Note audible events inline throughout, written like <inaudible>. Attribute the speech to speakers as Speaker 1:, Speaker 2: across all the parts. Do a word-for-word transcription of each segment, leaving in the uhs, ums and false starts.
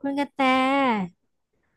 Speaker 1: คุณกระแต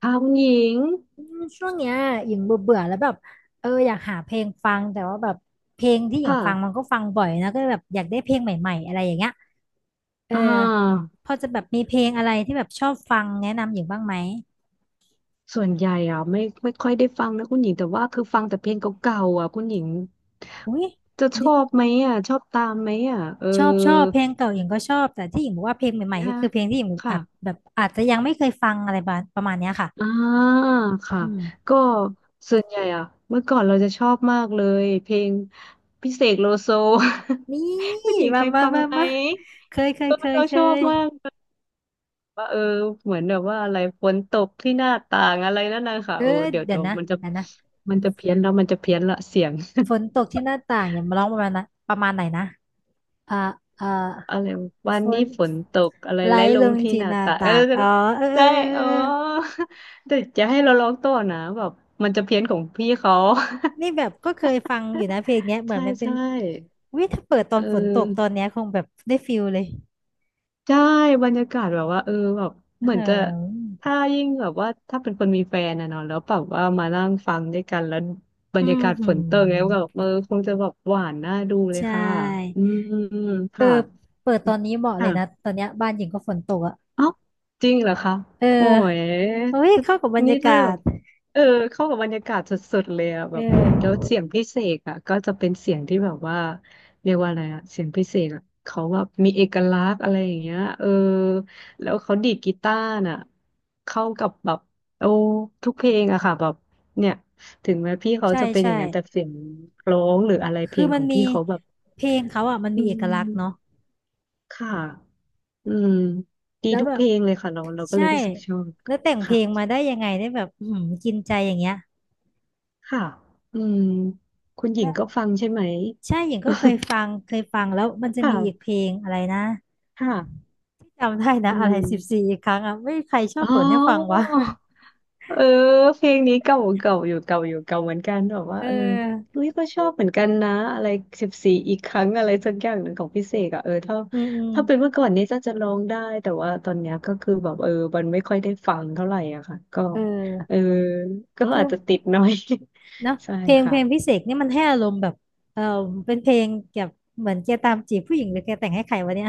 Speaker 2: ค่ะคุณหญิง
Speaker 1: อืมช่วงเนี้ยหญิงเบื่อเบื่อแล้วแบบเอออยากหาเพลงฟังแต่ว่าแบบเพลงที่หญิง
Speaker 2: ค่ะ
Speaker 1: ฟังมันก็ฟังบ่อยนะก็เลยแบบอยากได้เพลงใหม่ๆอะไรอย่างเงี้ยเออ
Speaker 2: อ่า
Speaker 1: พอจะแบบมีเพลงอะไรที่แบบชอบฟังแนะนำหญิงบ้างไหม
Speaker 2: ส่วนใหญ่อ่ะไม่ไม่ค่อยได้ฟังนะคุณหญิงแต่ว่าคือฟังแต่เพลงเก่าๆอ่ะคุณหญิง
Speaker 1: อุ้ย
Speaker 2: จะช
Speaker 1: ดิ
Speaker 2: อบไหมอ่ะชอบตามไหมอ่ะเออ
Speaker 1: ชอบชอบเพลงเก่าหญิงก็ชอบแต่ที่หญิงบอกว่าเพลงใหม่
Speaker 2: นะ
Speaker 1: ๆก็
Speaker 2: คะ
Speaker 1: คือเพลงที่หญิงอาจ
Speaker 2: ค่ะ
Speaker 1: แบบอาจจะยังไม่เคยฟังอะไรประมาณประมาณเนี้ยค่ะ
Speaker 2: อ่าค่ะ
Speaker 1: อืม
Speaker 2: ก็ส่วนใหญ่อะเมื่อก่อนเราจะชอบมากเลยเพลงพี่เสกโลโซ
Speaker 1: นี่
Speaker 2: <laughs> คุณหญิงเค
Speaker 1: มา
Speaker 2: ย
Speaker 1: มา
Speaker 2: ฟัง
Speaker 1: มา
Speaker 2: ไหม
Speaker 1: มาเคยเค
Speaker 2: เอ
Speaker 1: ย
Speaker 2: อ
Speaker 1: เคย
Speaker 2: เรา
Speaker 1: เค
Speaker 2: ชอบ
Speaker 1: ย
Speaker 2: มาก ว่าเออเหมือนแบบว่าอะไรฝนตกที่หน้าต่างอะไรนั่นนะคะ
Speaker 1: เออ
Speaker 2: โอ้เดี๋ยว
Speaker 1: เดี๋ย
Speaker 2: เดี๋
Speaker 1: ว
Speaker 2: ยว
Speaker 1: นะ
Speaker 2: มันจะ
Speaker 1: เดี๋ยวนะ
Speaker 2: มันจะเพี้ยนแล้วมันจะเพี้ยนละเสียง <laughs>
Speaker 1: ฝนตกที่หน้าต่างอย่ามาร้องประมาณนะประมาณไหนนะอ่าอ่า
Speaker 2: อะไรวั
Speaker 1: ฝ
Speaker 2: นนี้
Speaker 1: น
Speaker 2: ฝนตกอะไร
Speaker 1: ไหล
Speaker 2: ไหลล
Speaker 1: ล
Speaker 2: ง
Speaker 1: ง
Speaker 2: ที่
Speaker 1: ที่
Speaker 2: หน้า
Speaker 1: หน้า
Speaker 2: ต่างเออ
Speaker 1: ต่างอ๋อเออเออ
Speaker 2: ใช่
Speaker 1: เออ
Speaker 2: อ๋อ
Speaker 1: เออ
Speaker 2: <laughs> แต่จะให้เราร้องต่อนะแบบมันจะเพี้ยนของพี่เขา
Speaker 1: นี่แบบก็เคยฟังอยู่นะเพลงเนี้ย
Speaker 2: <laughs>
Speaker 1: เหมือ
Speaker 2: ใช่
Speaker 1: นมันเป็น
Speaker 2: ใช่
Speaker 1: วิถ้าเปิดตอ
Speaker 2: เอ
Speaker 1: นฝนตกตอน
Speaker 2: อ
Speaker 1: เนี้ยคงแบบได้ฟิลเลย
Speaker 2: ใช่บรรยากาศแบบว่าเออแบบ
Speaker 1: อื
Speaker 2: เหมือนจะ
Speaker 1: ม
Speaker 2: ถ้ายิ่งแบบว่าถ้าเป็นคนมีแฟนนะเนาะแล้วแบบว่ามานั่งฟังด้วยกันแล้วบร
Speaker 1: อื
Speaker 2: รยา
Speaker 1: ม
Speaker 2: กาศ
Speaker 1: หื
Speaker 2: ฝน
Speaker 1: ม
Speaker 2: ตกแล้วก็แบบเออคงจะแบบหวานน่าดูเล
Speaker 1: ใช
Speaker 2: ยค่ะ
Speaker 1: ่
Speaker 2: อืมค
Speaker 1: เออเปิดตอนนี้เหมาะเลยนะ
Speaker 2: ่ะ
Speaker 1: ตอนเนี้ยบ้านหญิงก็ฝนตกอ่ะ
Speaker 2: เอ้าจริงเหรอคะ
Speaker 1: เออ
Speaker 2: โอ้ย
Speaker 1: เฮ้ย
Speaker 2: ถ้า
Speaker 1: เข้ากับบรร
Speaker 2: นี่
Speaker 1: ยา
Speaker 2: ถ้า
Speaker 1: กา
Speaker 2: แบ
Speaker 1: ศ
Speaker 2: บเออเข้ากับบรรยากาศสุดๆเลยอะ
Speaker 1: เ
Speaker 2: แบบแล้ว
Speaker 1: ออ
Speaker 2: เสียงพิเศษอะก็จะเป็นเสียงที่แบบว่าเรียกว่าอะไรอะเสียงพิเศษอะเขาแบบมีเอกลักษณ์อะไรอย่างเงี้ยเออแล้วเขาดีดกีตาร์น่ะเข้ากับแบบโอ้ทุกเพลงอะค่ะแบบเนี่ยถึงแม้พี่เขา
Speaker 1: ใช่
Speaker 2: จะเป็นอ
Speaker 1: ใช่
Speaker 2: ย่างนั้นแต่เสียงร้องหรืออะไรเพ
Speaker 1: คื
Speaker 2: ล
Speaker 1: อ
Speaker 2: ง
Speaker 1: มั
Speaker 2: ข
Speaker 1: น
Speaker 2: อง
Speaker 1: มี
Speaker 2: พี่เขาแบบ
Speaker 1: เพลงเขาอ่ะมัน
Speaker 2: อื
Speaker 1: มีเอกลักษณ์เนาะ
Speaker 2: มค่ะ อืม ดี
Speaker 1: แล้ว
Speaker 2: ทุก
Speaker 1: แบ
Speaker 2: เพ
Speaker 1: บ
Speaker 2: ลงเลยค่ะเราเราก็เล
Speaker 1: ใช่
Speaker 2: ยรู้สึกชอบ
Speaker 1: แล้วแต่งเพ
Speaker 2: ค่ะ
Speaker 1: ลงมาได้ยังไงได้แบบอื้อหือกินใจอย่างเงี้ย
Speaker 2: ค่ะ อืม คุณหญิง
Speaker 1: แล้ว
Speaker 2: ก็ฟังใช่ไหม
Speaker 1: ใช่หญิงก็เคยฟัง
Speaker 2: <laughs>
Speaker 1: เคยฟังแล้วมันจะมีอีกเพ
Speaker 2: ค่ะ
Speaker 1: ลงอะไรนะ
Speaker 2: ค่ะ
Speaker 1: ไม่จำได้นะ
Speaker 2: อื
Speaker 1: อะไรสิบสี่
Speaker 2: ม
Speaker 1: อีกครั้งอ่ะไม่ใครชอ
Speaker 2: อ๋
Speaker 1: บ
Speaker 2: อ
Speaker 1: เปิดให้ฟังวะ
Speaker 2: เออเพลงนี้เก่าเก่าอยู่เก่าอยู่เก่าเหมือนกันแบบ
Speaker 1: <laughs>
Speaker 2: ว่า
Speaker 1: เ
Speaker 2: เออ
Speaker 1: ออ
Speaker 2: เฮ้ยก็ชอบเหมือนกันนะอะไรสิบสี่อีกครั้งอะไรสักอย่างหนึ่งของพิเศษอะเออถ้า
Speaker 1: อืมอืม
Speaker 2: ถ้าเป็นเมื่อก่อนนี้จะจะร้องได้แต่ว่าตอนเนี้ยก็คือแบบเออมันไม่ค่อยได้ฟังเท่าไหร่อะค่ะก็
Speaker 1: เ
Speaker 2: เอ
Speaker 1: อ
Speaker 2: อ
Speaker 1: อ
Speaker 2: ก็
Speaker 1: คื
Speaker 2: อา
Speaker 1: อ
Speaker 2: จจะติดหน้อย
Speaker 1: เนาะ
Speaker 2: <laughs> ใช่
Speaker 1: เพลงเพลง
Speaker 2: ค่ะ
Speaker 1: พิเศษนี่มันให้อารมณ์แบบเออเป็นเพลงเกี่ยวกับเหมือนแกตามจีบผู้หญิงหรือแกแต่งให้ใครวะเนี่ย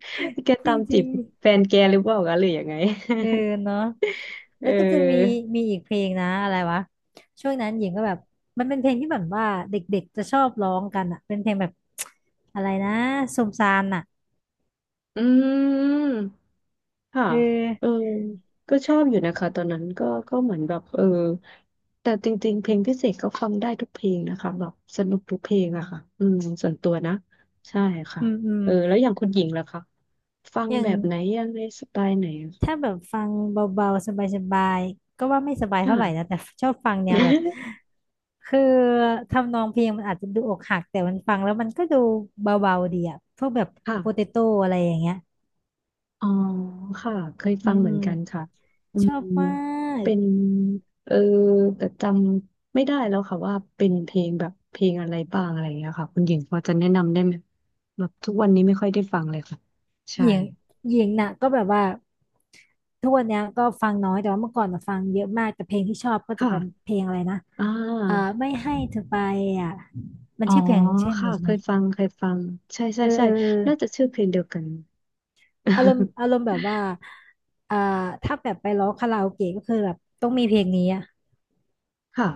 Speaker 2: <laughs> แก
Speaker 1: <laughs> จ
Speaker 2: ตามจี
Speaker 1: ริ
Speaker 2: บ
Speaker 1: ง
Speaker 2: แฟนแกหรือเปล่าคะหรือยังไง <laughs>
Speaker 1: ๆเออเนาะ
Speaker 2: เ
Speaker 1: แล้วก็จะมี
Speaker 2: ออ
Speaker 1: มีอีกเพลงนะอะไรวะช่วงนั้นหญิงก็แบบมันเป็นเพลงที่แบบว่าเด็กๆจะชอบร้องกันอ่ะเป็นเพลงแบบ <tsk> อะไรนะสมซานอ่ะ
Speaker 2: อืม ค่ะ
Speaker 1: เ
Speaker 2: เออ
Speaker 1: ออ
Speaker 2: ก็ชอบอยู่นะคะตอนนั้นก็ก็เหมือนแบบเออแต่จริงๆเพลงพิเศษก็ฟังได้ทุกเพลงนะคะแบบสนุกทุกเพลงอะค่ะอืมส่วนตัวนะ ใช่ค่ะ
Speaker 1: อืมอืม
Speaker 2: เออแล้วอย่างคุณหญิงล่ะคะ ฟัง
Speaker 1: อย่า
Speaker 2: แบ
Speaker 1: ง
Speaker 2: บไหนยังไงสไตล์ไหนอะ
Speaker 1: ถ้าแบบฟังเบาๆสบายๆก็ว่าไม่สบายเท่าไหร่นะ
Speaker 2: ค่ะ
Speaker 1: แต่ชอบฟังแนวแบบ
Speaker 2: <laughs>
Speaker 1: คือทำนองเพลงมันอาจจะดูอกหักแต่มันฟังแล้วมันก็ดูเบาๆดีอ่ะพวกแบบโปเต
Speaker 2: ค่ะ
Speaker 1: โต้อะไรอย่างเงี้ย
Speaker 2: อ๋อค่ะเคย
Speaker 1: อื
Speaker 2: ฟั
Speaker 1: ม
Speaker 2: งเห
Speaker 1: อื
Speaker 2: มือน
Speaker 1: ม
Speaker 2: กันค่ะอื
Speaker 1: ชอ
Speaker 2: ม
Speaker 1: บมาก
Speaker 2: เป็นเออแต่จำไม่ได้แล้วค่ะว่าเป็นเพลงแบบเพลงอะไรบ้างอะไรอย่างเงี้ยค่ะคุณหญิงพอจะแนะนำได้ไหมแบบทุกวันนี้ไม่ค่อยได้ฟังเลยค่ะใช่
Speaker 1: หญิงหญิงน่ะก็แบบว่าทุกวันเนี้ยก็ฟังน้อยแต่ว่าเมื่อก่อนน่ะฟังเยอะมากแต่เพลงที่ชอบก็จะ
Speaker 2: ค่ะ
Speaker 1: เป็นเพลงอะไรนะ
Speaker 2: อ่
Speaker 1: เอ่อ
Speaker 2: า
Speaker 1: ไม่ให้เธอไปอ่ะมัน
Speaker 2: อ๋อ
Speaker 1: ชื่อเพลงเช่นนี้
Speaker 2: ค่ะ
Speaker 1: ใช่
Speaker 2: เค
Speaker 1: ไหม
Speaker 2: ยฟังเคยฟังใช่
Speaker 1: เอ
Speaker 2: ใช่
Speaker 1: อเอ
Speaker 2: ใช่
Speaker 1: อเอ
Speaker 2: น่าจะ
Speaker 1: อ
Speaker 2: ชื่อเพลงเดียวกัน
Speaker 1: อารมณ์
Speaker 2: <laughs>
Speaker 1: อารมณ์แบบว่าอ่าถ้าแบบไปร้องคาราโอเกะก็คือแบบต้องมีเพลงนี้อ่ะ
Speaker 2: ค่ะ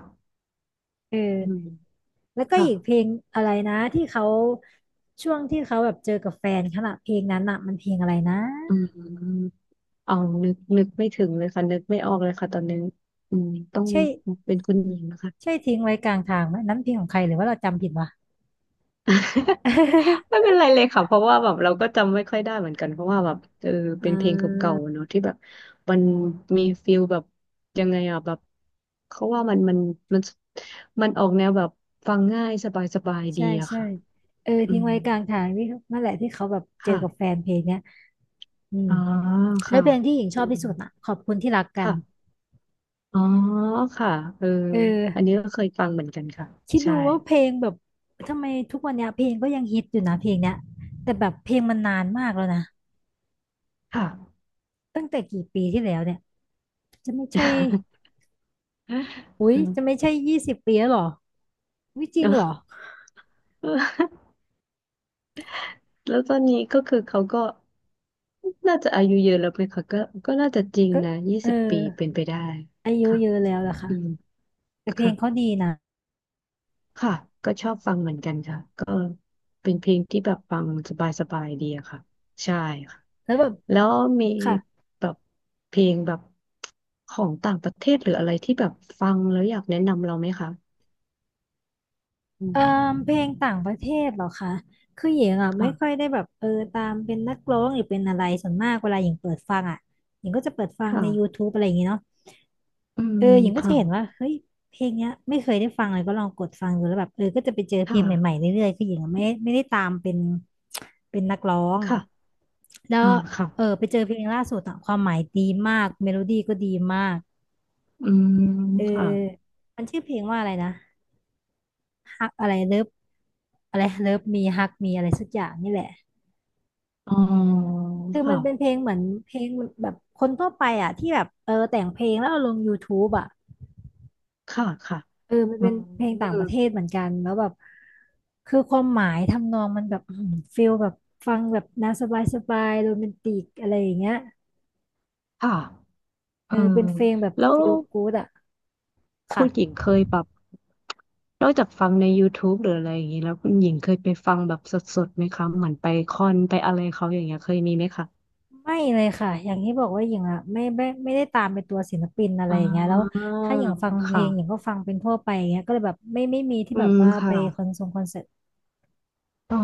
Speaker 1: เอ
Speaker 2: อืม
Speaker 1: อแล้วก็
Speaker 2: ค่ะ
Speaker 1: อีกเพลงอะไรนะที่เขาช่วงที่เขาแบบเจอกับแฟนขณะเพลงนั้นน่ะมันเพลงอะไรนะ
Speaker 2: อืมเอานึกนึกไม่ถึงเลยค่ะนึกไม่ออกเลยค่ะตอนนี้อืมต้อง
Speaker 1: ใช่
Speaker 2: เป็นคุณหญิงนะคะ
Speaker 1: ใช่ทิ้งไว้กลางทางไหมนั้นเพลงของใครหรือว่าเราจำผิดวะ
Speaker 2: <laughs>
Speaker 1: <laughs>
Speaker 2: ไม่เป็นไรเลยค่ะเพราะว่าแบบเราก็จำไม่ค่อยได้เหมือนกันเพราะว่าแบบเออเป็
Speaker 1: อ่
Speaker 2: นเพลงเก่า
Speaker 1: า
Speaker 2: ๆเนอะที่แบบมันมีฟิลแบบยังไงอ่ะแบบเขาว่ามันมันมันมันออกแนวแบบฟังง่ายสบายสบายดี
Speaker 1: ใช่
Speaker 2: อะ
Speaker 1: ใช่
Speaker 2: ค่ะ
Speaker 1: เออ
Speaker 2: อื
Speaker 1: ทิ้ง
Speaker 2: ม
Speaker 1: ไว้กลางทางที่นั่นแหละที่เขาแบบเจอ
Speaker 2: ค่ะ
Speaker 1: กับแฟนเพลงเนี้ยอืม
Speaker 2: อ๋อ
Speaker 1: แล้ว
Speaker 2: ค่ะ
Speaker 1: เพลงที่หญิงช
Speaker 2: อื
Speaker 1: อบที่
Speaker 2: ม
Speaker 1: สุดอ่ะขอบคุณที่รักกัน
Speaker 2: ค่ะอ๋อค่ะเออ
Speaker 1: เอ
Speaker 2: อัน
Speaker 1: อ
Speaker 2: นี้ก็เคยฟังเหมือนกันค่ะ
Speaker 1: คิดดู
Speaker 2: ใช่
Speaker 1: ว่าเพลงแบบทำไมทุกวันเนี้ยเพลงก็ยังฮิตอยู่นะเพลงเนี้ยแต่แบบเพลงมันนานมากแล้วนะ
Speaker 2: ค่ะ
Speaker 1: ตั้งแต่กี่ปีที่แล้วเนี่ยจะไม่ใช่อุ๊ยจะไม่
Speaker 2: <laughs>
Speaker 1: ใช่ยี่สิบปีแล้วเหรอวิจริ
Speaker 2: เน
Speaker 1: ง
Speaker 2: อะ
Speaker 1: เหรอ
Speaker 2: แล้วตอนนี้ก็คือเขาก็น่าจะอายุเยอะแล้วไหมคะก็ก็น่าจะจริง
Speaker 1: ก็
Speaker 2: นะยี่
Speaker 1: เออ
Speaker 2: สิบปีเป็นไปได้
Speaker 1: อายุ
Speaker 2: ค่ะ
Speaker 1: เยอะแล้วล่ะ
Speaker 2: อืม
Speaker 1: ค่ะ
Speaker 2: ค่ะค่ะก็ชอบฟังเหมือนกันค่ะก็เป็นเพลงที่แบบฟังสบายสบายดีอะค่ะใช่ค่ะ
Speaker 1: แล้วแบบ
Speaker 2: แล้วมี
Speaker 1: ค่ะ
Speaker 2: แบบเพลงแบบของต่างประเทศหรืออะไรที่แบบฟังแล้วอยากแนะนำเราไหมคะอื
Speaker 1: เอ่อ
Speaker 2: ม
Speaker 1: เพลงต่างประเทศเหรอคะคือหญิงอ่ะไม่ค่อย
Speaker 2: ค่ะ
Speaker 1: ได้แบบเออตามเป็นนักร้องหรือเป็นอะไรส่วนมากเวลาหญิงเปิดฟังอ่ะหญิงก็จะเปิดฟั
Speaker 2: ค
Speaker 1: งในยูทู
Speaker 2: ่ะ
Speaker 1: บอะไรอย่างงี้เนาะ
Speaker 2: อื
Speaker 1: เออ
Speaker 2: ม
Speaker 1: หญิงก็จะ
Speaker 2: ค่ะ
Speaker 1: เห็นว่าเฮ้ยเพลงเนี้ยไม่เคยได้ฟังเลยก็ลองกดฟังดูแล้วแบบเออก็จะไปเจอ
Speaker 2: ค
Speaker 1: เพลงใหม่ๆ
Speaker 2: ่ะ
Speaker 1: เรื่อยๆคือหญิงอะไม่ไม่ได้ตามเป็นเป็นนักร้อง
Speaker 2: ค่ะ
Speaker 1: แล้ว
Speaker 2: อ่าค่ะ
Speaker 1: เออไปเจอเพลงล่าสุดอ่ะความหมายดีมากเมโลดี้ก็ดีมาก
Speaker 2: อืม
Speaker 1: เออ
Speaker 2: ค่ะ
Speaker 1: มันชื่อเพลงว่าอะไรนะ ฮักอะไรเลิฟอะไรเลิฟมีฮักมีอะไรสักอย่างนี่แหละ
Speaker 2: อ๋อ
Speaker 1: คือมันเป็นเพล
Speaker 2: ค่ะ
Speaker 1: งเหมือนเพลงแบบคนทั่วไปอ่ะที่แบบเออแต่งเพลงแล้วเอาลง YouTube อ่ะ
Speaker 2: ค่ะค่ะ
Speaker 1: เออมัน
Speaker 2: อื
Speaker 1: เป็นเพลงต่างป
Speaker 2: ม
Speaker 1: ระเทศเหมือนกันแล้วแบบคือความหมายทำนองมันแบบอื้อหือฟิลแบบฟังแบบน่าสบายสบายโรแมนติกอะไรอย่างเงี้ย
Speaker 2: ค่ะเอ
Speaker 1: เอ
Speaker 2: อ
Speaker 1: อเป็นเพลงแบบ
Speaker 2: แล้ว
Speaker 1: ฟิลกู๊ดอ่ะ
Speaker 2: คุ
Speaker 1: ค่ะ
Speaker 2: ณหญิงเคยแบบนอกจากฟังใน YouTube หรืออะไรอย่างนี้ แล้วคุณหญิงเคยไปฟังแบบสดๆไหมคะเหมือนไปคอนไปอะไรเขาอย่างเงี้ยเคยมีไหมคะ
Speaker 1: ไม่เลยค่ะอย่างที่บอกว่าหญิงอ่ะไม่ไม่ไม่ได้ตามเป็นตัวศิลปินอะไร
Speaker 2: อ่
Speaker 1: อย่างเงี้ยแล้ว
Speaker 2: า
Speaker 1: ถ้าอย่างฟังเพลงหญิง
Speaker 2: ค่ะ
Speaker 1: ก็ฟังเป็นทั่วไปอย่างเงี้ยก็เลยแบบไม่ไม่มีที่
Speaker 2: อื
Speaker 1: แบบ
Speaker 2: ม
Speaker 1: ว่าไป
Speaker 2: ค่ะ
Speaker 1: คอนเสิร์ตคอนเสิร์ต
Speaker 2: อ๋อ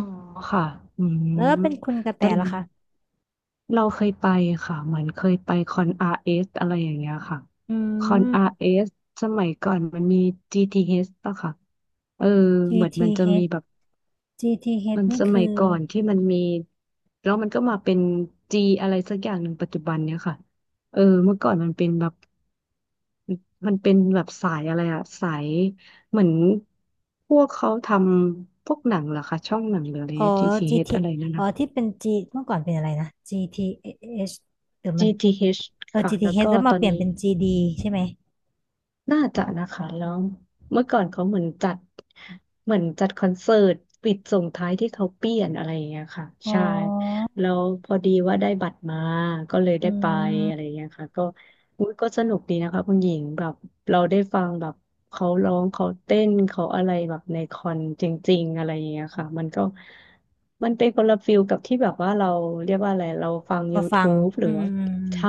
Speaker 2: ค่ะอืม
Speaker 1: แล้วเป็นคุณกระแต
Speaker 2: แต่
Speaker 1: ล่ะคะ
Speaker 2: เราเคยไปค่ะเหมือนเคยไปคอนอาร์เอสอะไรอย่างเงี้ยค่ะ
Speaker 1: อื
Speaker 2: คอนอา
Speaker 1: ม
Speaker 2: ร์เอสสมัยก่อนมันมี จี ที เอช ป่ะค่ะเออเหมือนมันจะมี
Speaker 1: จี ที เอช
Speaker 2: แบบ
Speaker 1: จี ที เอช
Speaker 2: มัน
Speaker 1: นี่
Speaker 2: สมั
Speaker 1: คื
Speaker 2: ย
Speaker 1: อ
Speaker 2: ก่อนที่มันมีแล้วมันก็มาเป็น G อะไรสักอย่างหนึ่งปัจจุบันเนี้ยค่ะเออเมื่อก่อนมันเป็นแบบมันเป็นแบบสายอะไรอะสายเหมือนพวกเขาทำพวกหนังเหรอคะช่องหนังหรืออะไร
Speaker 1: อ๋อ
Speaker 2: เงี้ย จี ที เอช อช
Speaker 1: จี ที
Speaker 2: อะไรนั่น
Speaker 1: อ๋อ
Speaker 2: นะ
Speaker 1: ที่เป็น G เมื่อก่อนเป็นอะไรนะ จี ที เอช หรือชเดี๋ยวมั
Speaker 2: จี
Speaker 1: น
Speaker 2: ทีเ t ส
Speaker 1: เออ
Speaker 2: ค่ะแล้ว
Speaker 1: จี ที เอช
Speaker 2: ก็
Speaker 1: แล้ว
Speaker 2: ต
Speaker 1: มา
Speaker 2: อ
Speaker 1: เป
Speaker 2: น
Speaker 1: ลี่ยน
Speaker 2: นี้
Speaker 1: เป็น จี ดี ใช่ไหม
Speaker 2: น่าจะนะคะแล้วเมื่อก่อนเขาเหมือนจัดเหมือนจัดคอนเสิร์ตปิดส่งท้ายที่เขาเปลี่ยนอะไรอย่างเงี้ยค่ะ
Speaker 1: อ๋
Speaker 2: ใช่
Speaker 1: อ
Speaker 2: แล้วพอดีว่าได้บัตรมาก็เลยได้
Speaker 1: อื
Speaker 2: ไปอะไรอ
Speaker 1: ม
Speaker 2: ย่างเงี้ยค่ะก็อุ๊ยก็สนุกดีนะคะคุณหญิงแบบเราได้ฟังแบบเขาร้องเขาเต้นเขาอะไรแบบในคอนจริงๆอะไรอย่างเงี้ยค่ะมันก็มันเป็นคนละฟิลกับที่แบบว่าเราเรียกว่าอะไรเราฟัง
Speaker 1: มาฟัง
Speaker 2: YouTube หรื
Speaker 1: อื
Speaker 2: อว่า
Speaker 1: ม
Speaker 2: ใช่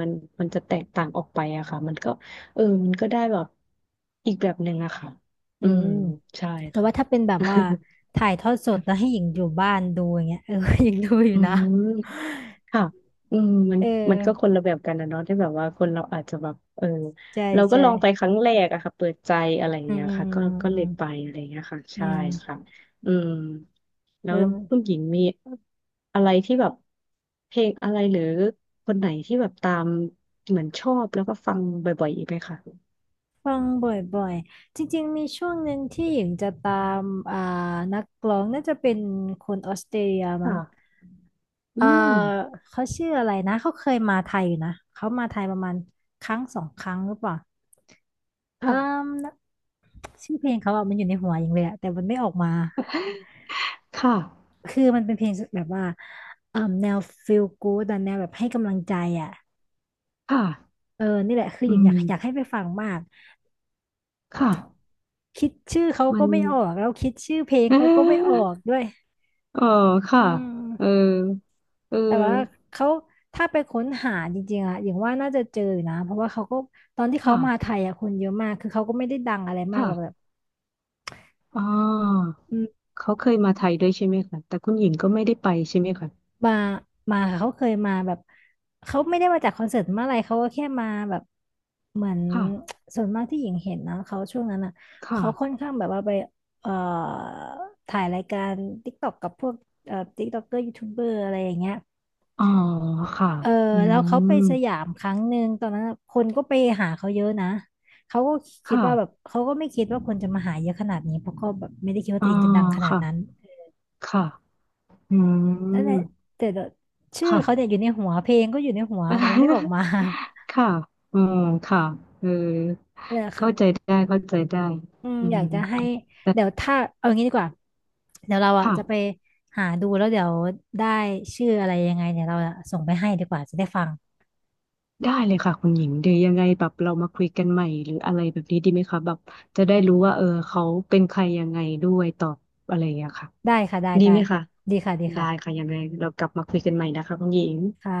Speaker 2: มันมันจะแตกต่างออกไปอะค่ะมันก็ เออมันก็ได้แบบอีกแบบหนึ่งอะค่ะ
Speaker 1: อื
Speaker 2: อืม
Speaker 1: ม
Speaker 2: ใช่
Speaker 1: แต่
Speaker 2: ค่ะ
Speaker 1: ว่าถ้าเป็นแบบว่า
Speaker 2: <laughs>
Speaker 1: ถ่ายทอดสดแล้วให้หญิงอยู่บ้านดูอย่างเงี้ยเออ <laughs> หญิงดูอยู่
Speaker 2: อื
Speaker 1: นะ
Speaker 2: มค่ะอืมมัน
Speaker 1: เอ
Speaker 2: มัน
Speaker 1: อ
Speaker 2: ก็คนละแบบกันนะเนาะที่แบบว่าคนเราอาจจะแบบเออ
Speaker 1: ใช่
Speaker 2: เราก็
Speaker 1: ใช่
Speaker 2: ลองไปครั้งแรกอะค่ะเปิดใจอะไรอย่าง
Speaker 1: อืม
Speaker 2: เงี้ย
Speaker 1: อืม
Speaker 2: ค่ะก็ก็
Speaker 1: อื
Speaker 2: เล
Speaker 1: ม
Speaker 2: ยไปอะไรอย่างเงี้ยค่ะ
Speaker 1: อืม
Speaker 2: ใช่
Speaker 1: อืม
Speaker 2: ค่ะอืมแล้
Speaker 1: เอ
Speaker 2: วคุณ
Speaker 1: อ
Speaker 2: หญิงมีอะไรที่แบบเพลงอะไรหรือคนไหนที่แบบตามเหมือนชอบแล้วก็ฟังบ่อยๆอีกไหมคะ
Speaker 1: ฟังบ่อยๆจริงๆมีช่วงหนึ่งที่หญิงจะตามอ่านักร้องน่าจะเป็นคนออสเตรเลีย
Speaker 2: ค
Speaker 1: มั้ง
Speaker 2: ่ะ อื
Speaker 1: อ่า
Speaker 2: ม
Speaker 1: เขาชื่ออะไรนะเขาเคยมาไทยอยู่นะเขามาไทยประมาณครั้งสองครั้งหรือเปล่าอืม
Speaker 2: ค่ะ
Speaker 1: ชื่อเพลงเขาอะมันอยู่ในหัวหญิงเลยอะแต่มันไม่ออกมา
Speaker 2: ค่ะ
Speaker 1: คือมันเป็นเพลงแบบว่าเอ่มแนว feel good อะแนวแบบให้กำลังใจอ่ะ
Speaker 2: ค่ะ
Speaker 1: เออนี่แหละคือ
Speaker 2: อื
Speaker 1: อยากอ
Speaker 2: ม
Speaker 1: ยากอยากให้ไปฟังมาก
Speaker 2: ค่ะ
Speaker 1: คิดชื่อเขา
Speaker 2: มั
Speaker 1: ก็
Speaker 2: น
Speaker 1: ไม่ออกแล้วคิดชื่อเพลง
Speaker 2: เ
Speaker 1: เขาก็ไม่ออ
Speaker 2: ออ
Speaker 1: กด้วย
Speaker 2: เออค่ะ
Speaker 1: อื
Speaker 2: เออ
Speaker 1: ม
Speaker 2: เออ
Speaker 1: แต่ว่าเขาถ้าไปค้นหาจริงๆอะอย่างว่าน่าจะเจออยู่นะ เพราะว่าเขาก็ตอนที่เขา
Speaker 2: ค่ะ
Speaker 1: มาไทยอะคนเยอะมาก คือเขาก็ไม่ได้ดังอะไรมากหรอกแบบ
Speaker 2: ค่ะอ๋าเขาเคยมาไทยด้วยใช่ไหมคะ แต่คุณหญิงก็ไม่ได้ไปใช่ไหมคะ
Speaker 1: มามาค่ะเขาเคยมาแบบเขาไม่ได้มาจากคอนเสิร์ตเมื่อะไรเขาก็แค่มาแบบเหมือน
Speaker 2: ค่ะ
Speaker 1: <tsk> ส่วนมากที่หญิงเห็นนะเขาช่วงนั้นอ่ะ
Speaker 2: ค่ะ
Speaker 1: เขาค่อนข้างแบบว่าไปเอ่อถ่ายรายการ TikTok กับพวกเอ่อ TikToker ยูทูบเบอร์อะไรอย่างเงี้ย
Speaker 2: อ๋อค่ะ
Speaker 1: เออ
Speaker 2: อื
Speaker 1: แล้วเขา
Speaker 2: ม
Speaker 1: ไปสยามครั้งหนึ่งตอนนั้นอะคนก็ไปหาเขาเยอะนะเขาก็คิดว่าแบบ
Speaker 2: ค่ะ
Speaker 1: เขาก็ไม่คิดว่าคนจะมาหาเยอะขนาดนี้เพราะก็แบบไม่ได้คิดว่า
Speaker 2: อ๋อ
Speaker 1: ตัวเองจะดังขนาด
Speaker 2: ค่ะ
Speaker 1: นั้น
Speaker 2: ค่ะอื
Speaker 1: นั่นแห
Speaker 2: ม
Speaker 1: ละแต่แบบชื่อ
Speaker 2: ค่ะ
Speaker 1: เขาเนี่ยอยู่ในหัวเพลงก็อยู่ในหัวแต่มันไม่ออกมา
Speaker 2: <laughs> ค่ะอืมค่ะเออ
Speaker 1: <laughs> อะไรอะ
Speaker 2: เข้า
Speaker 1: ค่ะ
Speaker 2: ใจได้เข้าใจได้
Speaker 1: อืม
Speaker 2: อื
Speaker 1: อ
Speaker 2: ม
Speaker 1: ยากจะให้
Speaker 2: แต่
Speaker 1: เดี๋ยวถ้าเอางี้ดีกว่าเดี๋ยวเราอ่ะ
Speaker 2: ค่ะ
Speaker 1: จะไปหาดูแล้วเดี๋ยวได้ชื่ออะไรยังไงเนี่ยเราอะส่งไปให้ดีกว่าจะได้ฟัง
Speaker 2: ได้เลยค่ะคุณหญิงเดี๋ยวยังไงแบบเรามาคุยกันใหม่หรืออะไรแบบนี้ดีไหมคะแบบจะได้รู้ว่าเออเขาเป็นใครยังไงด้วยตอบอะไรอย่างเงี้ยค่ะ
Speaker 1: ได้ค่ะได้
Speaker 2: ดี
Speaker 1: ได้
Speaker 2: ไหมคะ
Speaker 1: ดีค่ะดี
Speaker 2: ได้ค่ะ
Speaker 1: ค่ะ
Speaker 2: ยังไงเรากลับมาคุยกันใหม่นะคะคุณหญิง
Speaker 1: ค่ะ